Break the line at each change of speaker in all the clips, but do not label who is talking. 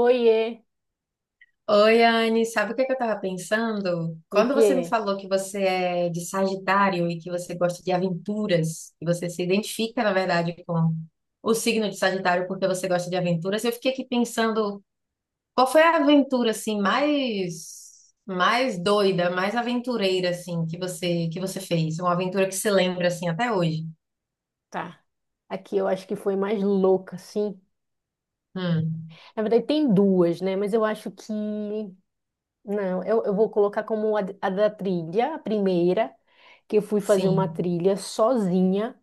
Oiê,
Oi, Anne, sabe o que que eu tava pensando?
o
Quando você me
que?
falou que você é de Sagitário e que você gosta de aventuras, e você se identifica, na verdade, com o signo de Sagitário porque você gosta de aventuras, eu fiquei aqui pensando, qual foi a aventura assim mais doida, mais aventureira assim que você fez? Uma aventura que se lembra assim até hoje?
Tá. Aqui eu acho que foi mais louca, sim.
Hum,
Na verdade, tem duas, né? Mas eu acho que. Não, eu vou colocar como a da trilha, a primeira, que eu fui fazer uma
sim.
trilha sozinha.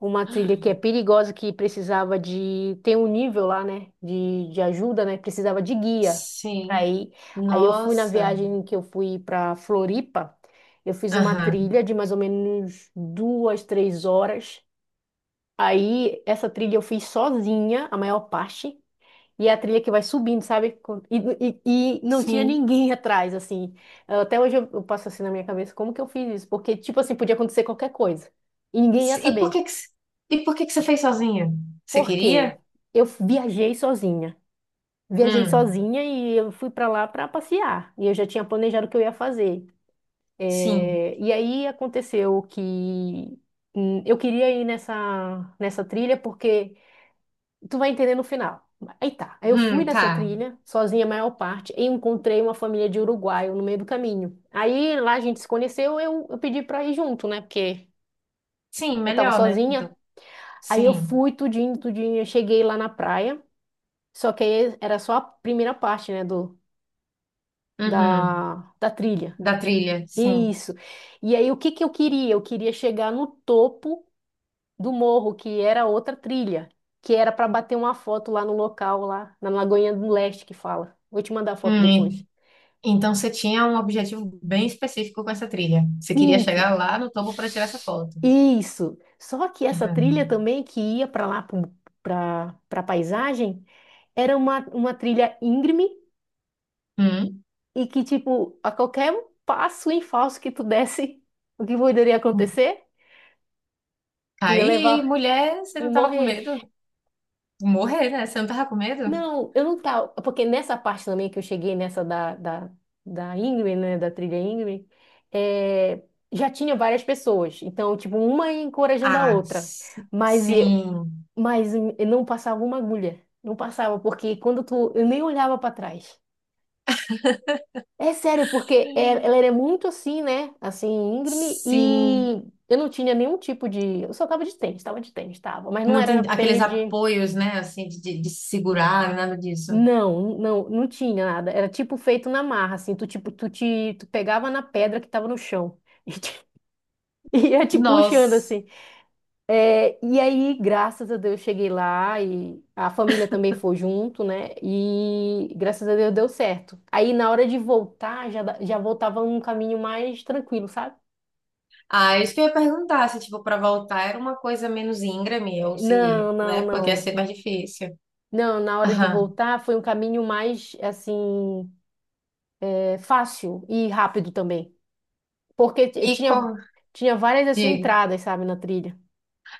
Uma trilha que é perigosa, que precisava de. Tem um nível lá, né? De ajuda, né? Precisava de guia pra
Sim.
ir. Aí eu fui na
Nossa.
viagem que eu fui pra Floripa. Eu fiz uma
Aham.
trilha de mais ou menos 2, 3 horas. Aí, essa trilha eu fiz sozinha, a maior parte. E é a trilha que vai subindo, sabe? E não tinha
Sim.
ninguém atrás, assim. Até hoje eu passo assim na minha cabeça, como que eu fiz isso? Porque, tipo assim, podia acontecer qualquer coisa. E ninguém ia
E por que
saber.
que, c- e por que que você fez sozinha? Você
Por quê?
queria?
Eu viajei sozinha. Viajei
Hum,
sozinha e eu fui pra lá pra passear. E eu já tinha planejado o que eu ia fazer.
sim.
É, e aí aconteceu que eu queria ir nessa trilha porque tu vai entender no final. Aí tá. Aí eu fui nessa
Tá.
trilha, sozinha a maior parte, e encontrei uma família de uruguaio no meio do caminho. Aí lá a gente se conheceu, eu pedi pra ir junto, né? Porque
Sim,
eu tava
melhor, né?
sozinha.
Do-
Aí eu
sim.
fui tudinho, tudinho. Eu cheguei lá na praia, só que aí era só a primeira parte, né?
Uhum.
Da, da trilha.
Da trilha, sim.
Isso. E aí o que que eu queria? Eu queria chegar no topo do morro, que era outra trilha, que era para bater uma foto lá no local, lá na Lagoinha do Leste que fala. Vou te mandar a foto
Hum, e-
depois.
então você tinha um objetivo bem específico com essa trilha. Você queria
Sim,
chegar lá no topo para tirar essa foto.
isso. Só que essa trilha
Uhum.
também que ia para lá para paisagem era uma trilha íngreme
Hum.
e que tipo a qualquer um passo em falso que tu desse, o que poderia acontecer? Tu ia
Aí,
levar
mulher, você
e
não tava com
morrer.
medo de morrer, né? Você não tava com medo?
Não, eu não tava. Porque nessa parte também que eu cheguei, nessa da Ingrid, né? Da trilha Ingrid, é, já tinha várias pessoas. Então, tipo, uma encorajando a
Ah,
outra.
si-
Mas eu,
sim.
mas eu não passava uma agulha. Não passava, porque quando tu. Eu nem olhava pra trás. É sério, porque ela era muito assim, né? Assim, íngreme,
Sim.
e eu não tinha nenhum tipo de. Eu só tava de tênis, tava de tênis, tava. Mas não
Não tem
era
aqueles
tênis de.
apoios, né, assim, de, de se segurar, nada disso.
Não, não, não tinha nada. Era tipo feito na marra, assim. Tu, tipo, tu pegava na pedra que tava no chão e te- e ia te puxando,
Nossa.
assim. É, e aí, graças a Deus, cheguei lá e a família também foi junto, né? E graças a Deus deu certo. Aí, na hora de voltar, já voltava um caminho mais tranquilo, sabe?
Ah, isso que eu ia perguntar, se, tipo, para voltar era uma coisa menos íngreme, ou se,
Não, não,
né, porque ia
não.
ser mais difícil.
Não, na hora de
Aham.
voltar foi um caminho mais, assim, fácil e rápido também. Porque t-
E qual...
tinha, tinha várias, assim,
Digo.
entradas, sabe, na trilha.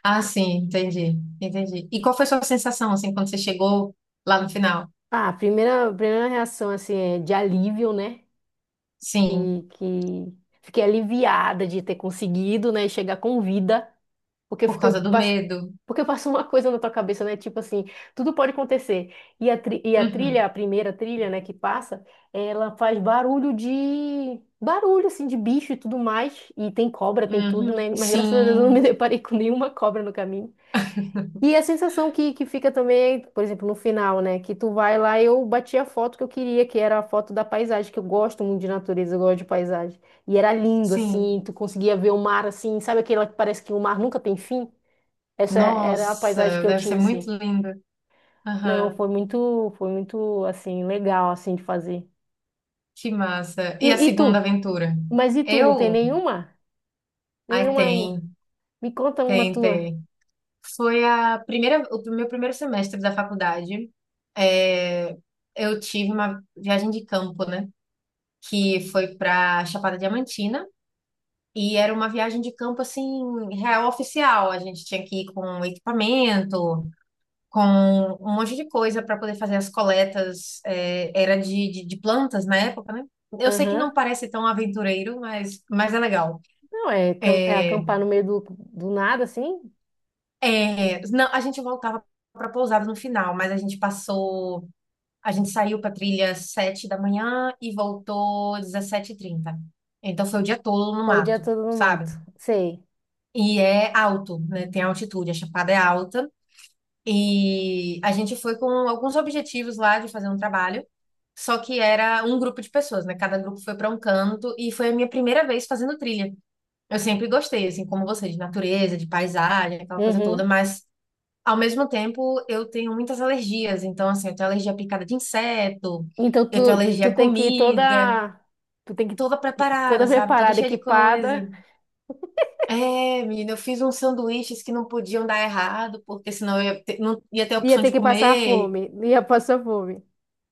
Ah, sim, entendi, entendi. E qual foi a sua sensação, assim, quando você chegou lá no final?
Ah, a primeira reação, assim, é de alívio, né? Que,
Sim,
que fiquei aliviada de ter conseguido, né? Chegar com vida. Porque eu
por
fiquei
causa do
pass-.
medo.
Porque passa uma coisa na tua cabeça, né? Tipo assim, tudo pode acontecer. E a
Uhum,
trilha, a primeira trilha, né, que passa, ela faz barulho de. Barulho, assim, de bicho e tudo mais. E tem cobra, tem tudo,
uhum,
né? Mas graças a Deus eu não me
sim,
deparei com nenhuma cobra no caminho. E a sensação que fica também, por exemplo, no final, né? Que tu vai lá, eu bati a foto que eu queria, que era a foto da paisagem, que eu gosto muito de natureza, eu gosto de paisagem. E era lindo,
sim.
assim, tu conseguia ver o mar, assim, sabe aquela que parece que o mar nunca tem fim? Essa era a paisagem
Nossa,
que eu
deve ser
tinha,
muito
assim.
lindo.
Não,
Aham.
foi muito, assim, legal, assim, de fazer.
Que massa. E a
E tu?
segunda aventura?
Mas e tu,
Eu?
não tem nenhuma?
Ai,
Nenhuma?
tem,
Me conta uma
tem,
tua.
tem. Foi a primeira, o meu primeiro semestre da faculdade. É, eu tive uma viagem de campo, né? Que foi para Chapada Diamantina. E era uma viagem de campo, assim, real oficial. A gente tinha que ir com equipamento, com um monte de coisa para poder fazer as coletas. Era de, de plantas na época, né? Eu sei que
Aham.
não parece tão aventureiro, mas é legal.
Não, é
É,
acampar no meio do nada, assim?
é, não, a gente voltava para pousada no final, mas a gente passou, a gente saiu para trilha 7 da manhã e voltou 17:30. Então foi o dia todo no
Foi o dia
mato,
todo no
sabe?
mato. Sei.
E é alto, né? Tem altitude, a chapada é alta. E a gente foi com alguns objetivos lá de fazer um trabalho, só que era um grupo de pessoas, né? Cada grupo foi para um canto e foi a minha primeira vez fazendo trilha. Eu sempre gostei, assim, como você, de natureza, de paisagem, aquela coisa toda,
Uhum.
mas ao mesmo tempo, eu tenho muitas alergias. Então, assim, eu tenho alergia à picada de inseto,
Então
eu tenho
tu,
alergia
tu
à
tem que ir
comida,
toda, tu tem que ir
toda preparada,
toda
sabe? Toda
preparada,
cheia de coisa.
equipada,
É, menina, eu fiz uns sanduíches que não podiam dar errado, porque senão eu ia ter, não ia ter a
ia
opção
ter
de
que passar
comer.
fome, ia passar fome.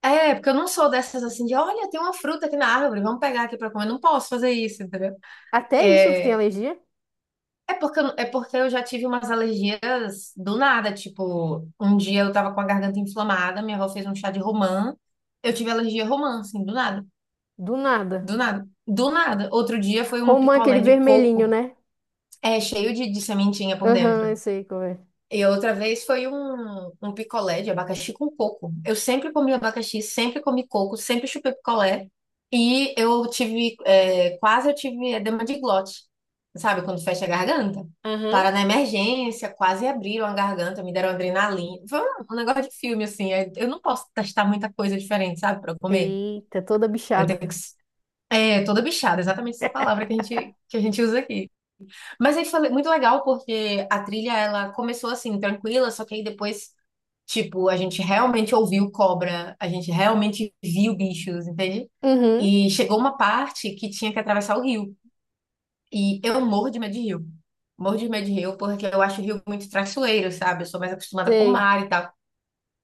É, porque eu não sou dessas assim de, olha, tem uma fruta aqui na árvore, vamos pegar aqui pra comer. Eu não posso fazer isso, entendeu?
Até isso tu tem
é
alergia?
é porque eu já tive umas alergias do nada. Tipo, um dia eu tava com a garganta inflamada, minha avó fez um chá de romã. Eu tive alergia a romã, assim, do nada.
Do nada.
Do nada. Do nada. Outro dia foi um
Romã, aquele
picolé de
vermelhinho,
coco,
né?
cheio de sementinha por dentro.
Aham, eu sei como é.
E outra vez foi um picolé de abacaxi com coco. Eu sempre comi abacaxi, sempre comi coco, sempre chupei picolé. E eu tive, quase eu tive edema de glote, sabe? Quando fecha a garganta. Para
Aham.
na emergência, quase abriram a garganta, me deram adrenalina. Foi um negócio de filme, assim. Eu não posso testar muita coisa diferente, sabe? Para comer.
Eita, toda
Eu tenho
bichada.
que. É, toda bichada, exatamente essa palavra que a gente usa aqui. Mas aí foi muito legal porque a trilha ela começou assim tranquila, só que aí depois tipo a gente realmente ouviu cobra, a gente realmente viu bichos, entende?
Uhum,
E chegou uma parte que tinha que atravessar o rio e eu morro de medo de rio, morro de medo de rio porque eu acho o rio muito traiçoeiro, sabe? Eu sou mais acostumada com o
sei,
mar e tal.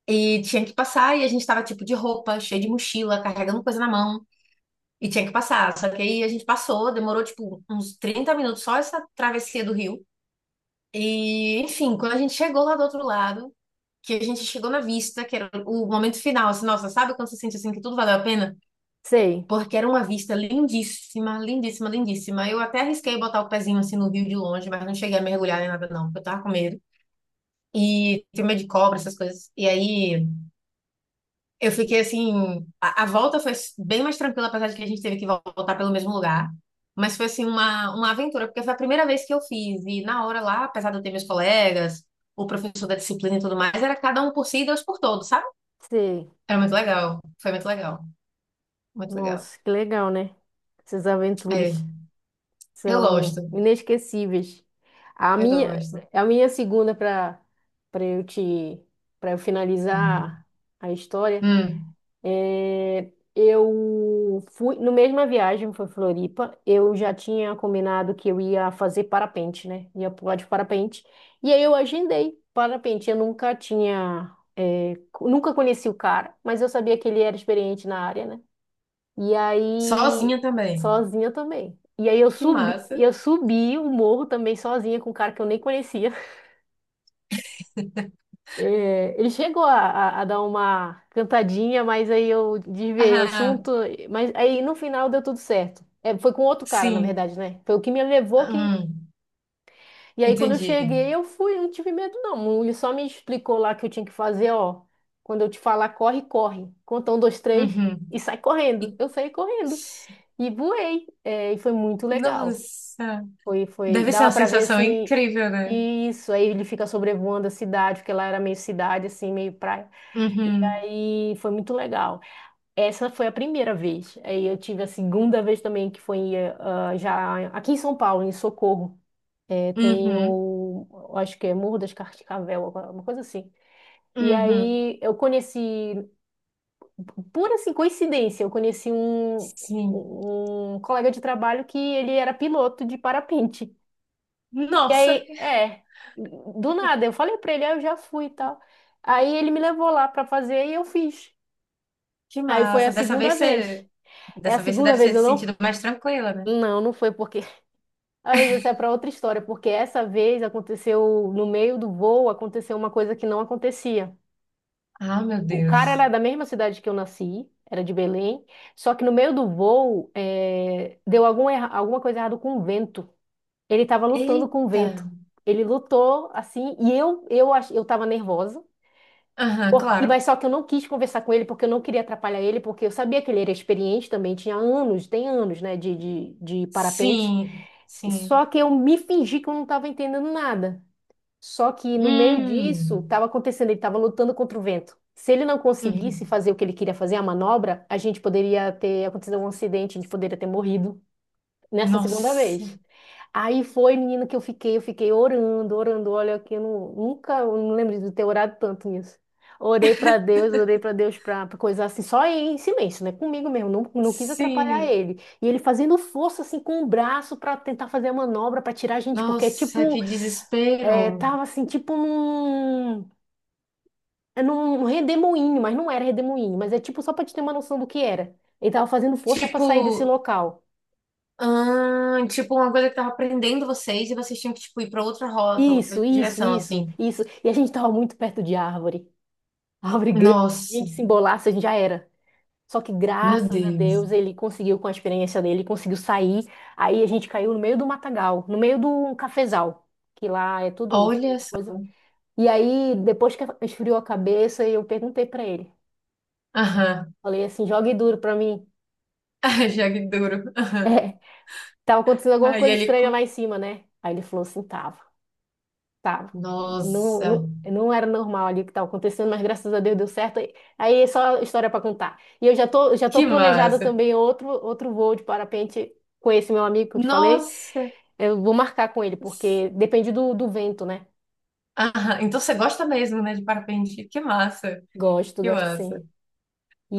E tinha que passar e a gente tava tipo de roupa, cheio de mochila, carregando coisa na mão. E tinha que passar, só que aí a gente passou, demorou tipo uns 30 minutos só essa travessia do rio. E, enfim, quando a gente chegou lá do outro lado, que a gente chegou na vista, que era o momento final, assim, nossa, sabe quando você sente assim que tudo valeu a pena?
sei,
Porque era uma vista lindíssima, lindíssima, lindíssima. Eu até arrisquei botar o pezinho assim no rio de longe, mas não cheguei a mergulhar nem nada, não, porque eu tava com medo. E tenho medo de cobra, essas coisas. E aí. Eu fiquei assim. A volta foi bem mais tranquila, apesar de que a gente teve que voltar pelo mesmo lugar. Mas foi assim uma aventura, porque foi a primeira vez que eu fiz. E na hora lá, apesar de eu ter meus colegas, o professor da disciplina e tudo mais, era cada um por si e Deus por todos, sabe?
sei.
Era muito legal. Foi muito legal. Muito legal.
Nossa, que legal, né? Essas
É,
aventuras.
eu gosto.
São inesquecíveis. A
Eu
minha,
gosto.
a minha segunda, para eu te para eu finalizar a história,
Hum.
eu fui no mesma viagem foi Floripa, eu já tinha combinado que eu ia fazer parapente, né? Ia pular de parapente. E aí eu agendei parapente. Eu nunca tinha, nunca conheci o cara, mas eu sabia que ele era experiente na área, né? E aí,
Sozinha também.
sozinha também. E aí eu
Que
subi,
massa.
eu subi o morro também sozinha com um cara que eu nem conhecia. É, ele chegou a dar uma cantadinha, mas aí eu desviei o
Ah,
assunto. Mas aí no final deu tudo certo. É, foi com outro cara, na
sim.
verdade, né? Foi o que me levou que.
Hum,
E aí quando eu
entendi.
cheguei, eu fui, eu não tive medo, não. Ele só me explicou lá que eu tinha que fazer, ó. Quando eu te falar, corre, corre. Conta um, dois, três e
Uhum.
sai correndo.
E-
Eu saí correndo e voei. É, e foi muito legal.
Nossa.
Foi, foi.
Deve ser uma
Dava pra ver
sensação
assim.
incrível, né?
Isso, aí ele fica sobrevoando a cidade, porque lá era meio cidade, assim, meio praia. E
Uhum,
aí foi muito legal. Essa foi a primeira vez. Aí eu tive a segunda vez também, que foi já aqui em São Paulo, em Socorro. Tem
uhum,
o, acho que é Morro das Cascavel, uma coisa assim. E
uhum.
aí eu conheci, pura assim, coincidência, eu conheci um,
Sim.
um um colega de trabalho que ele era piloto de parapente. E
Nossa,
aí, do nada, eu falei pra ele, aí eu já fui e tal. Aí ele me levou lá pra fazer e eu fiz.
que
Aí foi a
massa. Dessa
segunda
vez
vez.
você,
É a
dessa vez você
segunda
deve
vez
ter
eu
se
não?
sentido mais tranquila, né?
Não, não foi porque. Às vezes essa é pra outra história, porque essa vez aconteceu no meio do voo, aconteceu uma coisa que não acontecia.
Ah, meu
O cara
Deus.
era da mesma cidade que eu nasci, era de Belém, só que no meio do voo, deu alguma coisa errada com o vento. Ele estava lutando com o
Eita.
vento. Ele lutou assim, e eu estava nervosa.
Aham,
Por- e
claro.
mas só que eu não quis conversar com ele porque eu não queria atrapalhar ele, porque eu sabia que ele era experiente também, tinha anos, tem anos, né, de parapente.
Sim, sim.
Só que eu me fingi que eu não estava entendendo nada. Só que no meio disso,
Hum,
estava acontecendo, ele estava lutando contra o vento. Se ele não conseguisse
uhum.
fazer o que ele queria fazer, a manobra, a gente poderia ter acontecido um acidente, a gente poderia ter morrido nessa segunda
Nossa,
vez. Aí foi, menina, que eu fiquei orando, orando. Olha, que eu não- nunca, eu não lembro de ter orado tanto nisso. Orei pra Deus pra coisa assim, só em silêncio, né? Comigo mesmo, não, não quis atrapalhar
sim.
ele. E ele fazendo força assim com o braço pra tentar fazer a manobra pra tirar a gente, porque é
Nossa, que
tipo,
desespero.
tava assim, tipo num redemoinho, mas não era redemoinho, mas é tipo só pra te ter uma noção do que era. Ele tava fazendo força pra
Tipo,
sair desse local.
tipo uma coisa que tava prendendo vocês e vocês tinham que tipo ir para outra rota, outra
Isso, isso,
direção,
isso,
assim.
isso. E a gente estava muito perto de árvore. Árvore grande. Se a
Nossa,
gente se embolasse, a gente já era. Só que
meu
graças a
Deus.
Deus ele conseguiu, com a experiência dele, conseguiu sair. Aí a gente caiu no meio do matagal, no meio do cafezal, que lá é tudo cheio
Olha
de
só.
coisa. E aí, depois que esfriou a cabeça, eu perguntei pra ele.
Aham.
Falei assim, jogue duro pra mim.
Ah, jogue duro.
É, tava acontecendo alguma
Aí
coisa
ele.
estranha
co-
lá em cima, né? Aí ele falou assim, tava. Tá, não,
Nossa,
não, não era normal ali o que estava acontecendo, mas graças a Deus deu certo. Aí é só história para contar. E eu já tô
que
planejada
massa.
também outro voo de parapente com esse meu amigo que eu te falei.
Nossa.
Eu vou marcar com ele, porque depende do vento, né?
Aham. Então você gosta mesmo, né, de parapente? Que massa.
Gosto,
Que
gosto
massa.
sim.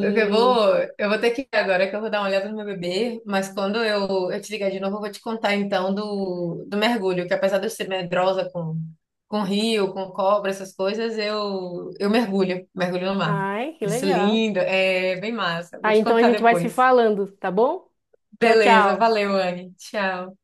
Eu vou, eu vou ter que ir agora, que eu vou dar uma olhada no meu bebê, mas quando eu te ligar de novo, eu vou te contar então do mergulho, que apesar de eu ser medrosa com rio, com cobra, essas coisas, eu mergulho, mergulho no mar.
Ai, que
Isso
legal.
lindo, é bem massa. Vou
Aí
te
então a
contar
gente vai se
depois.
falando, tá bom? Tchau,
Beleza,
tchau.
valeu, Anne. Tchau.